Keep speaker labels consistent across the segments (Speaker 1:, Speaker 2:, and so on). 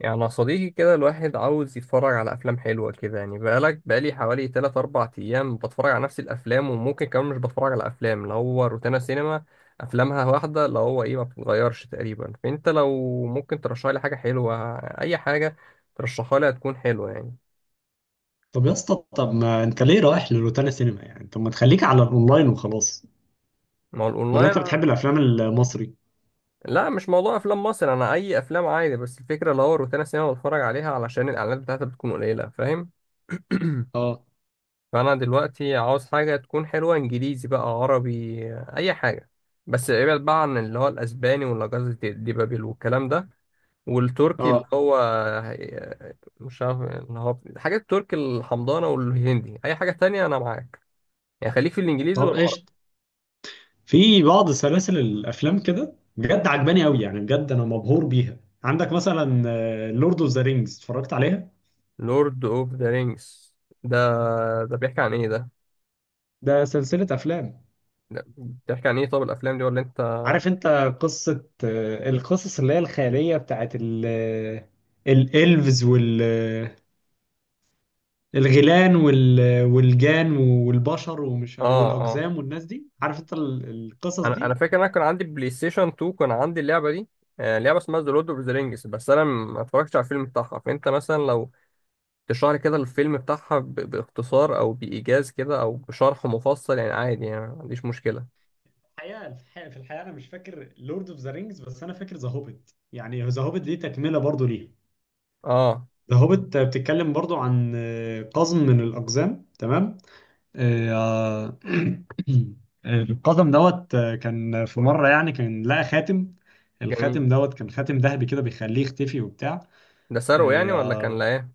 Speaker 1: يعني يا صديقي كده، الواحد عاوز يتفرج على أفلام حلوة كده. يعني بقالي حوالي تلات أربع أيام بتفرج على نفس الأفلام، وممكن كمان مش بتفرج على أفلام. اللي هو روتانا سينما أفلامها واحدة، اللي هو إيه، ما بتتغيرش تقريبا. فأنت لو ممكن ترشح لي حاجة حلوة، أي حاجة ترشحها لي هتكون حلوة يعني.
Speaker 2: طب يا اسطى، طب ما انت ليه رايح لروتانا سينما يعني؟ طب ما تخليك على الاونلاين وخلاص.
Speaker 1: ما هو
Speaker 2: ولا انت بتحب
Speaker 1: الأونلاين.
Speaker 2: الافلام المصري؟
Speaker 1: لا، مش موضوع أفلام مصر، أنا أي أفلام عادي. بس الفكرة اللي هو روتانا سينما بتفرج عليها علشان الإعلانات بتاعتها بتكون قليلة، فاهم.
Speaker 2: اه.
Speaker 1: فانا دلوقتي عاوز حاجه تكون حلوه، انجليزي بقى عربي، اي حاجه. بس ابعد بقى عن اللي هو الاسباني ولا جازة ديبابيل والكلام ده، والتركي اللي
Speaker 2: اه،
Speaker 1: هو مش عارف، اللي هو حاجات التركي الحمضانه والهندي. اي حاجه تانية انا معاك، يعني خليك في الانجليزي
Speaker 2: طب
Speaker 1: والعربي.
Speaker 2: قشطة. في بعض سلاسل الافلام كده بجد عجباني قوي، يعني بجد انا مبهور بيها. عندك مثلا لورد اوف ذا رينجز، اتفرجت عليها؟
Speaker 1: لورد اوف ذا رينجز. ده ده بيحكي عن ايه ده؟
Speaker 2: ده سلسلة أفلام.
Speaker 1: ده بيحكي عن ايه؟ طب الافلام دي ولا انت؟ اه
Speaker 2: عارف انت قصة القصص اللي هي الخيالية بتاعت الإلفز، الغيلان والجان والبشر
Speaker 1: اه،
Speaker 2: والاقزام والناس دي، عارف انت القصص
Speaker 1: انا
Speaker 2: دي.
Speaker 1: فاكر إن انا كان عندي بلاي ستيشن 2، كان عندي اللعبه دي. لعبه اسمها ذا لورد اوف ذا رينجز، بس انا ما اتفرجتش على الفيلم بتاعها. فانت مثلا لو تشرح لي كده الفيلم بتاعها باختصار او بايجاز كده، او بشرح مفصل يعني، عادي يعني ما عنديش مشكله.
Speaker 2: الحقيقه الحقيقه في الحقيقه انا مش فاكر لورد اوف ذا رينجز، بس انا فاكر ذا هوبيت. يعني ذا هوبيت دي تكمله برضو ليها.
Speaker 1: اه،
Speaker 2: ذا هوبيت بتتكلم برضو عن قزم من الاقزام، تمام؟ آه، القزم دوت آه، كان في مره يعني، كان لقى خاتم.
Speaker 1: جميل.
Speaker 2: الخاتم كان خاتم ذهبي كده بيخليه يختفي وبتاع.
Speaker 1: ده سرقه يعني ولا كان،
Speaker 2: آه،
Speaker 1: لا ايه؟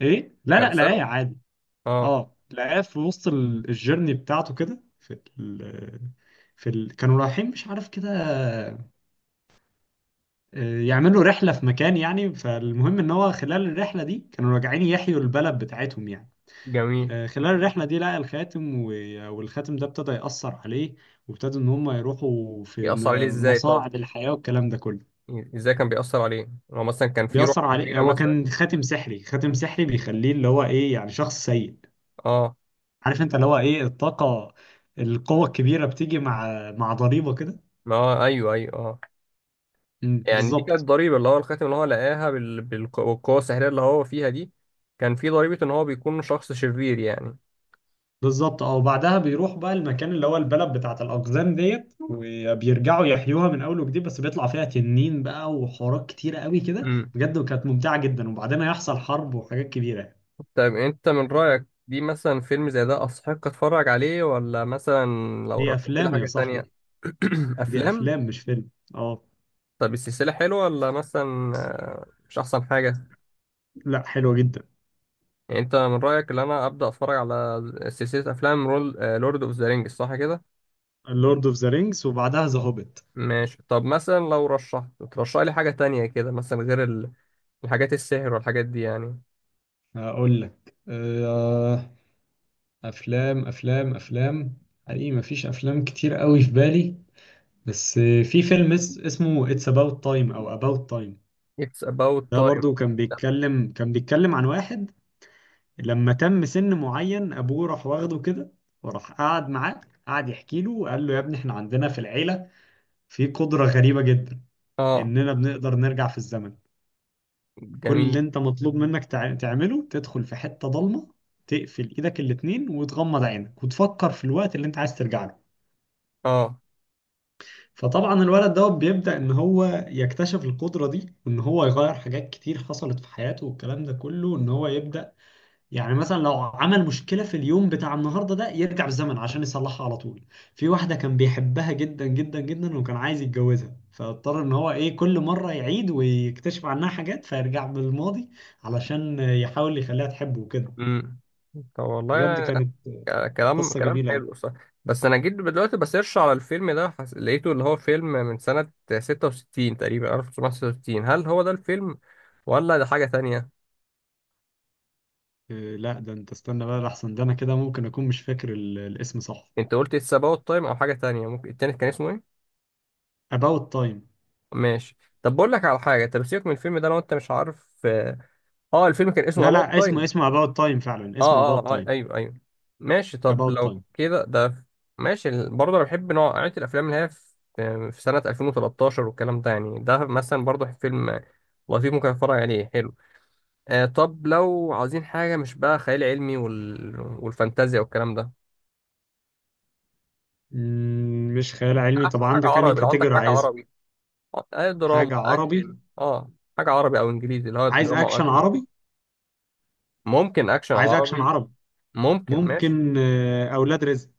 Speaker 2: ايه، لا
Speaker 1: كان
Speaker 2: لا لا ايه
Speaker 1: سرقه؟
Speaker 2: عادي.
Speaker 1: اه،
Speaker 2: اه، لقاه في وسط الجيرني بتاعته كده في كانوا رايحين مش عارف كده يعملوا رحلة في مكان يعني. فالمهم ان هو خلال الرحلة دي كانوا راجعين يحيوا البلد بتاعتهم يعني.
Speaker 1: جميل.
Speaker 2: خلال الرحلة دي لقى الخاتم. والخاتم ده ابتدى يأثر عليه، وابتدوا ان هم يروحوا في
Speaker 1: بيأثر عليه ازاي طب؟
Speaker 2: مصاعب الحياة والكلام ده كله.
Speaker 1: ازاي كان بيأثر عليه؟ هو مثلا كان في روح
Speaker 2: بيأثر عليه،
Speaker 1: شريره
Speaker 2: هو
Speaker 1: مثلا؟
Speaker 2: كان خاتم سحري، خاتم سحري بيخليه اللي هو ايه يعني شخص سيء.
Speaker 1: اه.
Speaker 2: عارف انت اللي هو ايه، الطاقة، القوة الكبيرة بتيجي مع ضريبة كده.
Speaker 1: ما هو ايوه ايوه اه. يعني دي كانت
Speaker 2: بالظبط.
Speaker 1: ضريبة اللي هو الخاتم اللي هو لقاها بالقوة السحرية اللي هو فيها دي؟ كان في ضريبة إن هو بيكون شخص شرير يعني؟
Speaker 2: بالظبط، اه. وبعدها بيروح بقى المكان اللي هو البلد بتاعت الأقزام ديت، وبيرجعوا يحيوها من أول وجديد، بس بيطلع فيها تنين بقى وحوارات كتيرة قوي كده
Speaker 1: امم.
Speaker 2: بجد، وكانت ممتعة جدا. وبعدين هيحصل حرب وحاجات كبيرة.
Speaker 1: طيب أنت من رأيك دي، مثلا فيلم زي ده أستحق أتفرج عليه، ولا مثلا لو
Speaker 2: دي
Speaker 1: رشحت لي
Speaker 2: أفلام يا
Speaker 1: حاجة تانية؟
Speaker 2: صاحبي، دي
Speaker 1: أفلام.
Speaker 2: أفلام مش فيلم. اه.
Speaker 1: طب السلسلة حلوة، ولا مثلا مش أحسن حاجة؟
Speaker 2: لا، حلوة جدا.
Speaker 1: يعني أنت من رأيك إن أنا أبدأ أتفرج على سلسلة أفلام رول لورد أوف ذا رينجز، صح كده؟
Speaker 2: لورد اوف ذا رينجز وبعدها ذا هوبيت.
Speaker 1: ماشي. طب مثلا لو رشحت ترشح لي حاجة تانية كده، مثلا غير الحاجات السحر والحاجات دي يعني.
Speaker 2: هقول لك افلام. حقيقي مفيش افلام كتير قوي في بالي، بس في فيلم اسمه It's About Time او About Time.
Speaker 1: It's about
Speaker 2: ده
Speaker 1: time.
Speaker 2: برضو كان بيتكلم عن واحد لما تم سن معين، ابوه راح واخده كده وراح قعد معاه، قعد يحكي له وقال له: يا ابني احنا عندنا في العيلة في قدرة غريبة جدا،
Speaker 1: اه،
Speaker 2: اننا بنقدر نرجع في الزمن. كل
Speaker 1: جميل.
Speaker 2: اللي انت مطلوب منك تعمله، تدخل في حتة ضلمة، تقفل ايدك الاتنين وتغمض عينك وتفكر في الوقت اللي انت عايز ترجع له.
Speaker 1: اه.
Speaker 2: فطبعا الولد بيبدأ ان هو يكتشف القدرة دي، وان هو يغير حاجات كتير حصلت في حياته والكلام ده كله. ان هو يبدأ يعني مثلا لو عمل مشكلة في اليوم بتاع النهاردة ده، يرجع بالزمن عشان يصلحها على طول. في واحدة كان بيحبها جدا جدا جدا وكان عايز يتجوزها، فاضطر ان هو ايه كل مرة يعيد ويكتشف عنها حاجات فيرجع بالماضي علشان يحاول يخليها تحبه وكده.
Speaker 1: امم. طب والله
Speaker 2: بجد
Speaker 1: يعني.
Speaker 2: كانت
Speaker 1: ك- كلام
Speaker 2: قصة
Speaker 1: كلام
Speaker 2: جميلة أوي.
Speaker 1: حلو، صح. بس انا جيت دلوقتي بسيرش على الفيلم ده، لقيته اللي هو فيلم من سنة 66 تقريبا، 1966، هل هو ده الفيلم ولا ده حاجة تانية؟
Speaker 2: لا ده انت استنى بقى، لحسن ده انا كده ممكن اكون مش فاكر الاسم صح.
Speaker 1: انت قلت It's about time او حاجة تانية؟ ممكن التاني كان اسمه ايه؟
Speaker 2: About Time.
Speaker 1: ماشي. طب بقول لك على حاجة، طب سيبك من الفيلم ده لو انت مش عارف. اه، الفيلم كان
Speaker 2: لا
Speaker 1: اسمه about
Speaker 2: لا، اسمه
Speaker 1: time.
Speaker 2: About Time، فعلا اسمه
Speaker 1: اه
Speaker 2: About
Speaker 1: اه،
Speaker 2: Time.
Speaker 1: ايوه ايوه. ماشي. طب
Speaker 2: About
Speaker 1: لو
Speaker 2: Time.
Speaker 1: كده ده ماشي. برضه انا بحب نوعية الافلام اللي هي في سنة 2013 والكلام ده يعني، ده مثلا برضه فيلم لطيف ممكن اتفرج عليه، حلو. طب لو عاوزين حاجة مش بقى خيال علمي والفانتازيا والكلام ده.
Speaker 2: مش خيال علمي؟
Speaker 1: لا،
Speaker 2: طب
Speaker 1: اشوف حاجة
Speaker 2: عندك أنهي
Speaker 1: عربي لو عندك
Speaker 2: كاتيجوري
Speaker 1: حاجة
Speaker 2: عايزها؟
Speaker 1: عربي. آه دراما
Speaker 2: حاجة عربي.
Speaker 1: اكشن اه. حاجة عربي او انجليزي اللي هو
Speaker 2: عايز
Speaker 1: دراما او
Speaker 2: أكشن
Speaker 1: اكشن وكده.
Speaker 2: عربي؟
Speaker 1: ممكن اكشن
Speaker 2: عايز أكشن
Speaker 1: عربي.
Speaker 2: عربي.
Speaker 1: ممكن، ماشي.
Speaker 2: ممكن أولاد رزق.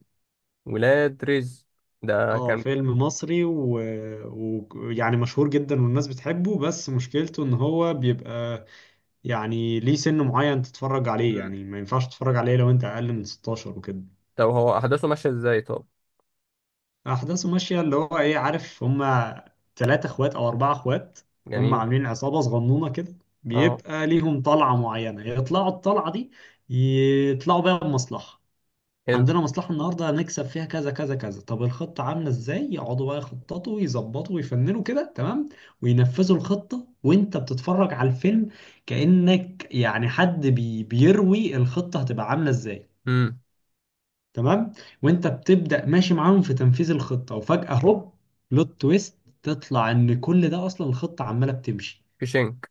Speaker 1: ولاد رزق. ده
Speaker 2: اه،
Speaker 1: كان.
Speaker 2: فيلم مصري ويعني يعني مشهور جدا والناس بتحبه، بس مشكلته ان هو بيبقى يعني ليه سن معين تتفرج عليه، يعني ما ينفعش تتفرج عليه لو انت اقل من 16 وكده.
Speaker 1: طب هو احداثه ماشيه ازاي طب؟
Speaker 2: احداثه ماشيه اللي هو ايه، عارف، هما ثلاثة اخوات او اربعة اخوات، هما
Speaker 1: جميل.
Speaker 2: عاملين عصابه صغنونه كده.
Speaker 1: اه.
Speaker 2: بيبقى ليهم طلعه معينه يطلعوا الطلعه دي، يطلعوا بيها بمصلحه.
Speaker 1: حلو.
Speaker 2: عندنا مصلحه النهارده هنكسب فيها كذا كذا كذا، طب الخطه عامله ازاي؟ يقعدوا بقى يخططوا ويظبطوا ويفننوا كده، تمام. وينفذوا الخطه وانت بتتفرج على الفيلم كانك يعني حد بيروي الخطه هتبقى عامله ازاي،
Speaker 1: امم.
Speaker 2: تمام. وانت بتبدأ ماشي معاهم في تنفيذ الخطة، وفجأة هوب، بلوت تويست، تطلع ان كل ده اصلا الخطة عمالة بتمشي.
Speaker 1: في شنك.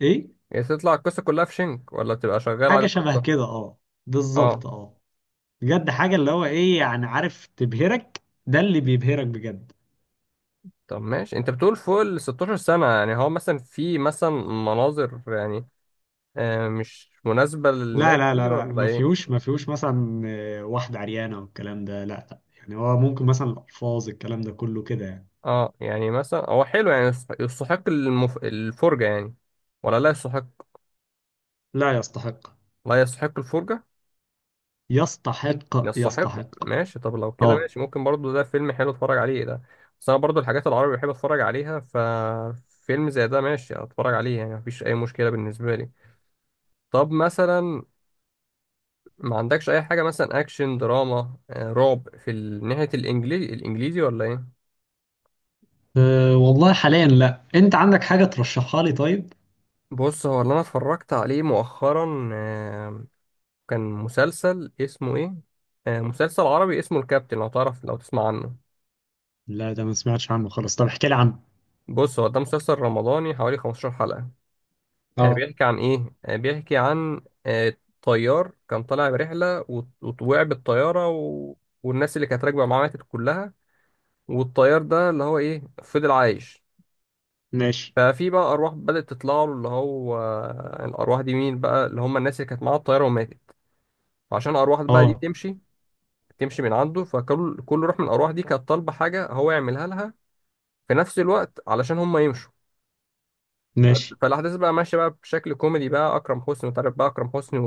Speaker 2: ايه؟
Speaker 1: يعني تطلع القصه كلها في شنك، ولا بتبقى شغال على
Speaker 2: حاجة شبه
Speaker 1: القصه؟
Speaker 2: كده، اه.
Speaker 1: اه.
Speaker 2: بالظبط، اه. بجد حاجة اللي هو ايه يعني، عارف، تبهرك، ده اللي بيبهرك بجد.
Speaker 1: طب ماشي. انت بتقول فوق ال 16 سنه، يعني هو مثلا في مثلا مناظر يعني، آه مش مناسبه
Speaker 2: لا
Speaker 1: للناس
Speaker 2: لا لا
Speaker 1: دي
Speaker 2: لا
Speaker 1: ولا
Speaker 2: ما
Speaker 1: ايه؟
Speaker 2: فيهوش ما فيهوش مثلا واحدة عريانة والكلام ده، لا لا، يعني هو ممكن مثلا الألفاظ الكلام ده كله كده يعني.
Speaker 1: اه يعني مثلا هو حلو يعني، يستحق يستحق الفرجه يعني، ولا لا يستحق؟
Speaker 2: لا يستحق،
Speaker 1: لا يستحق الفرجه؟
Speaker 2: يستحق.
Speaker 1: يستحق.
Speaker 2: يستحق.
Speaker 1: ماشي. طب لو كده
Speaker 2: اه.
Speaker 1: ماشي، ممكن برضو ده فيلم حلو اتفرج عليه ده. بس انا برضو الحاجات العربي بحب اتفرج عليها، ففيلم زي ده ماشي اتفرج عليه يعني، مفيش اي مشكلة بالنسبة لي. طب مثلا ما عندكش اي حاجة مثلا اكشن دراما، رعب في ناحية الانجليزي الانجليزي ولا ايه؟
Speaker 2: أه والله حاليا لا. انت عندك حاجة ترشحها لي طيب؟
Speaker 1: بص، هو اللي انا اتفرجت عليه مؤخرا، كان مسلسل اسمه ايه، مسلسل عربي اسمه الكابتن، لو تعرف لو تسمع عنه.
Speaker 2: لا، ده ما سمعتش عنه خالص، طب احكي لي عنه.
Speaker 1: بص، هو ده مسلسل رمضاني حوالي 15 حلقة.
Speaker 2: اه،
Speaker 1: بيحكي عن ايه، بيحكي عن آه، طيار كان طالع برحله وقع بالطياره، والناس اللي كانت راكبه معاه ماتت كلها. والطيار ده اللي هو ايه فضل عايش.
Speaker 2: ماشي.
Speaker 1: ففي بقى ارواح بدات تطلع له، اللي هو الارواح دي مين بقى، اللي هم الناس اللي كانت معاه الطياره وماتت. فعشان الارواح بقى دي
Speaker 2: اه،
Speaker 1: تمشي تمشي من عنده، فكل روح من الارواح دي كانت طالبه حاجه هو يعملها لها في نفس الوقت، علشان هم يمشوا.
Speaker 2: ماشي.
Speaker 1: فالاحداث بقى ماشيه بقى بشكل كوميدي بقى. اكرم حسني، وتعرف بقى اكرم حسني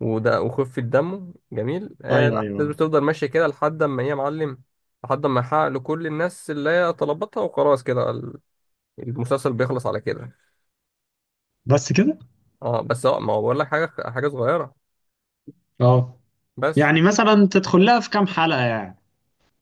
Speaker 1: وده وخفة دمه جميل.
Speaker 2: ايوه
Speaker 1: الأحداث
Speaker 2: ايوه.
Speaker 1: بتفضل ماشية كده لحد ما هي معلم، لحد ما يحقق لكل الناس اللي هي طلبتها، وخلاص كده المسلسل بيخلص على كده.
Speaker 2: بس كده؟
Speaker 1: اه بس هو، ما هو بقول لك حاجة حاجة صغيرة
Speaker 2: اه.
Speaker 1: بس.
Speaker 2: يعني مثلا تدخل لها في كام حلقة يعني؟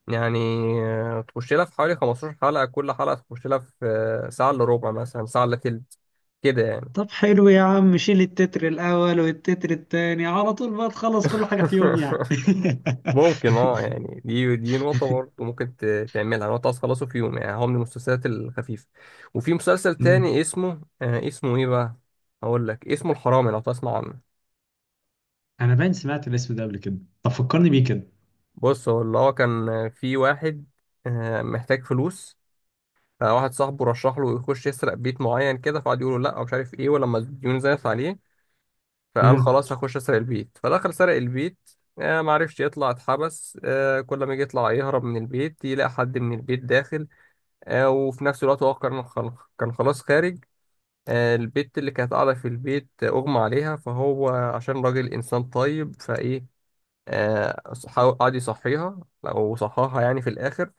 Speaker 1: يعني تخش لها في حوالي 15 حلقة، كل حلقة تخش لها في ساعة إلا ربع مثلا، ساعة إلا تلت كده يعني.
Speaker 2: طب حلو يا عم، شيل التتر الاول والتتر التاني على طول بقى تخلص كل حاجة في يوم يعني.
Speaker 1: ممكن اه. يعني دي نقطة برضه، ممكن تعملها نقطة تخلصه في يوم يعني، هو من المسلسلات الخفيفة. وفي مسلسل
Speaker 2: أمم.
Speaker 1: تاني اسمه، آه اسمه ايه بقى؟ هقول لك، اسمه الحرامي لو تسمع عنه.
Speaker 2: انا باين سمعت الاسم ده قبل كده، طب فكرني بيه كده.
Speaker 1: بص، هو اللي هو كان في واحد آه محتاج فلوس، فواحد صاحبه رشح له يخش يسرق بيت معين كده، فقعد يقول له لا ومش عارف ايه. ولما الديون زادت عليه، فقال
Speaker 2: امم.
Speaker 1: خلاص هخش اسرق البيت. فدخل سرق البيت، آه معرفش يطلع، اتحبس آه، كل ما يجي يطلع يهرب من البيت يلاقي حد من البيت داخل. وفي نفس الوقت هو كان كان خلاص خارج. البت اللي كانت قاعدة في البيت أغمى عليها، فهو عشان راجل إنسان طيب فإيه قعد يصحيها، أو صحاها يعني في الآخر.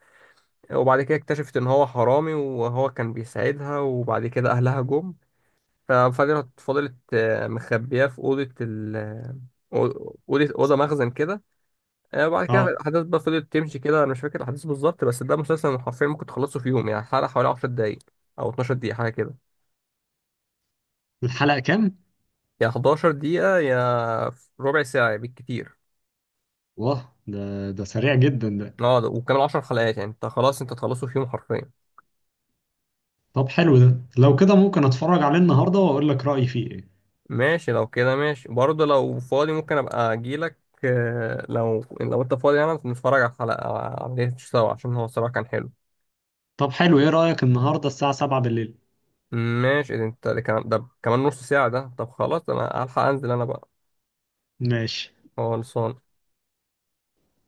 Speaker 1: وبعد كده اكتشفت إن هو حرامي، وهو كان بيساعدها. وبعد كده أهلها جم، ففضلت مخبية في أوضة ال أوضة أوضة مخزن كده. وبعد كده
Speaker 2: اه.
Speaker 1: الأحداث بقى فضلت تمشي كده. أنا مش فاكر الأحداث بالظبط، بس ده مسلسل حرفيا ممكن تخلصه في يوم يعني. حلقة حوالي 10 دقايق أو 12 دقيقة حاجة كده،
Speaker 2: الحلقة كام؟
Speaker 1: يا 11 دقيقة يا ربع ساعة بالكتير.
Speaker 2: واه، ده ده سريع جدا.
Speaker 1: اه وكمان 10 حلقات يعني انت خلاص، انت تخلصه في يوم حرفيا.
Speaker 2: طب حلو، ده لو كده ممكن اتفرج عليه النهارده واقول لك رأيي فيه ايه.
Speaker 1: ماشي، لو كده ماشي برضه، لو فاضي ممكن أبقى أجيلك. لو انت فاضي يعني نتفرج على الحلقة على ليه سوا، عشان هو الصراحة كان حلو.
Speaker 2: طب حلو، ايه رأيك النهارده الساعة 7 بالليل؟
Speaker 1: ماشي. ده انت ده كمان نص ساعة ده، طب خلاص أنا هلحق أنزل أنا بقى.
Speaker 2: ماشي.
Speaker 1: خلصان.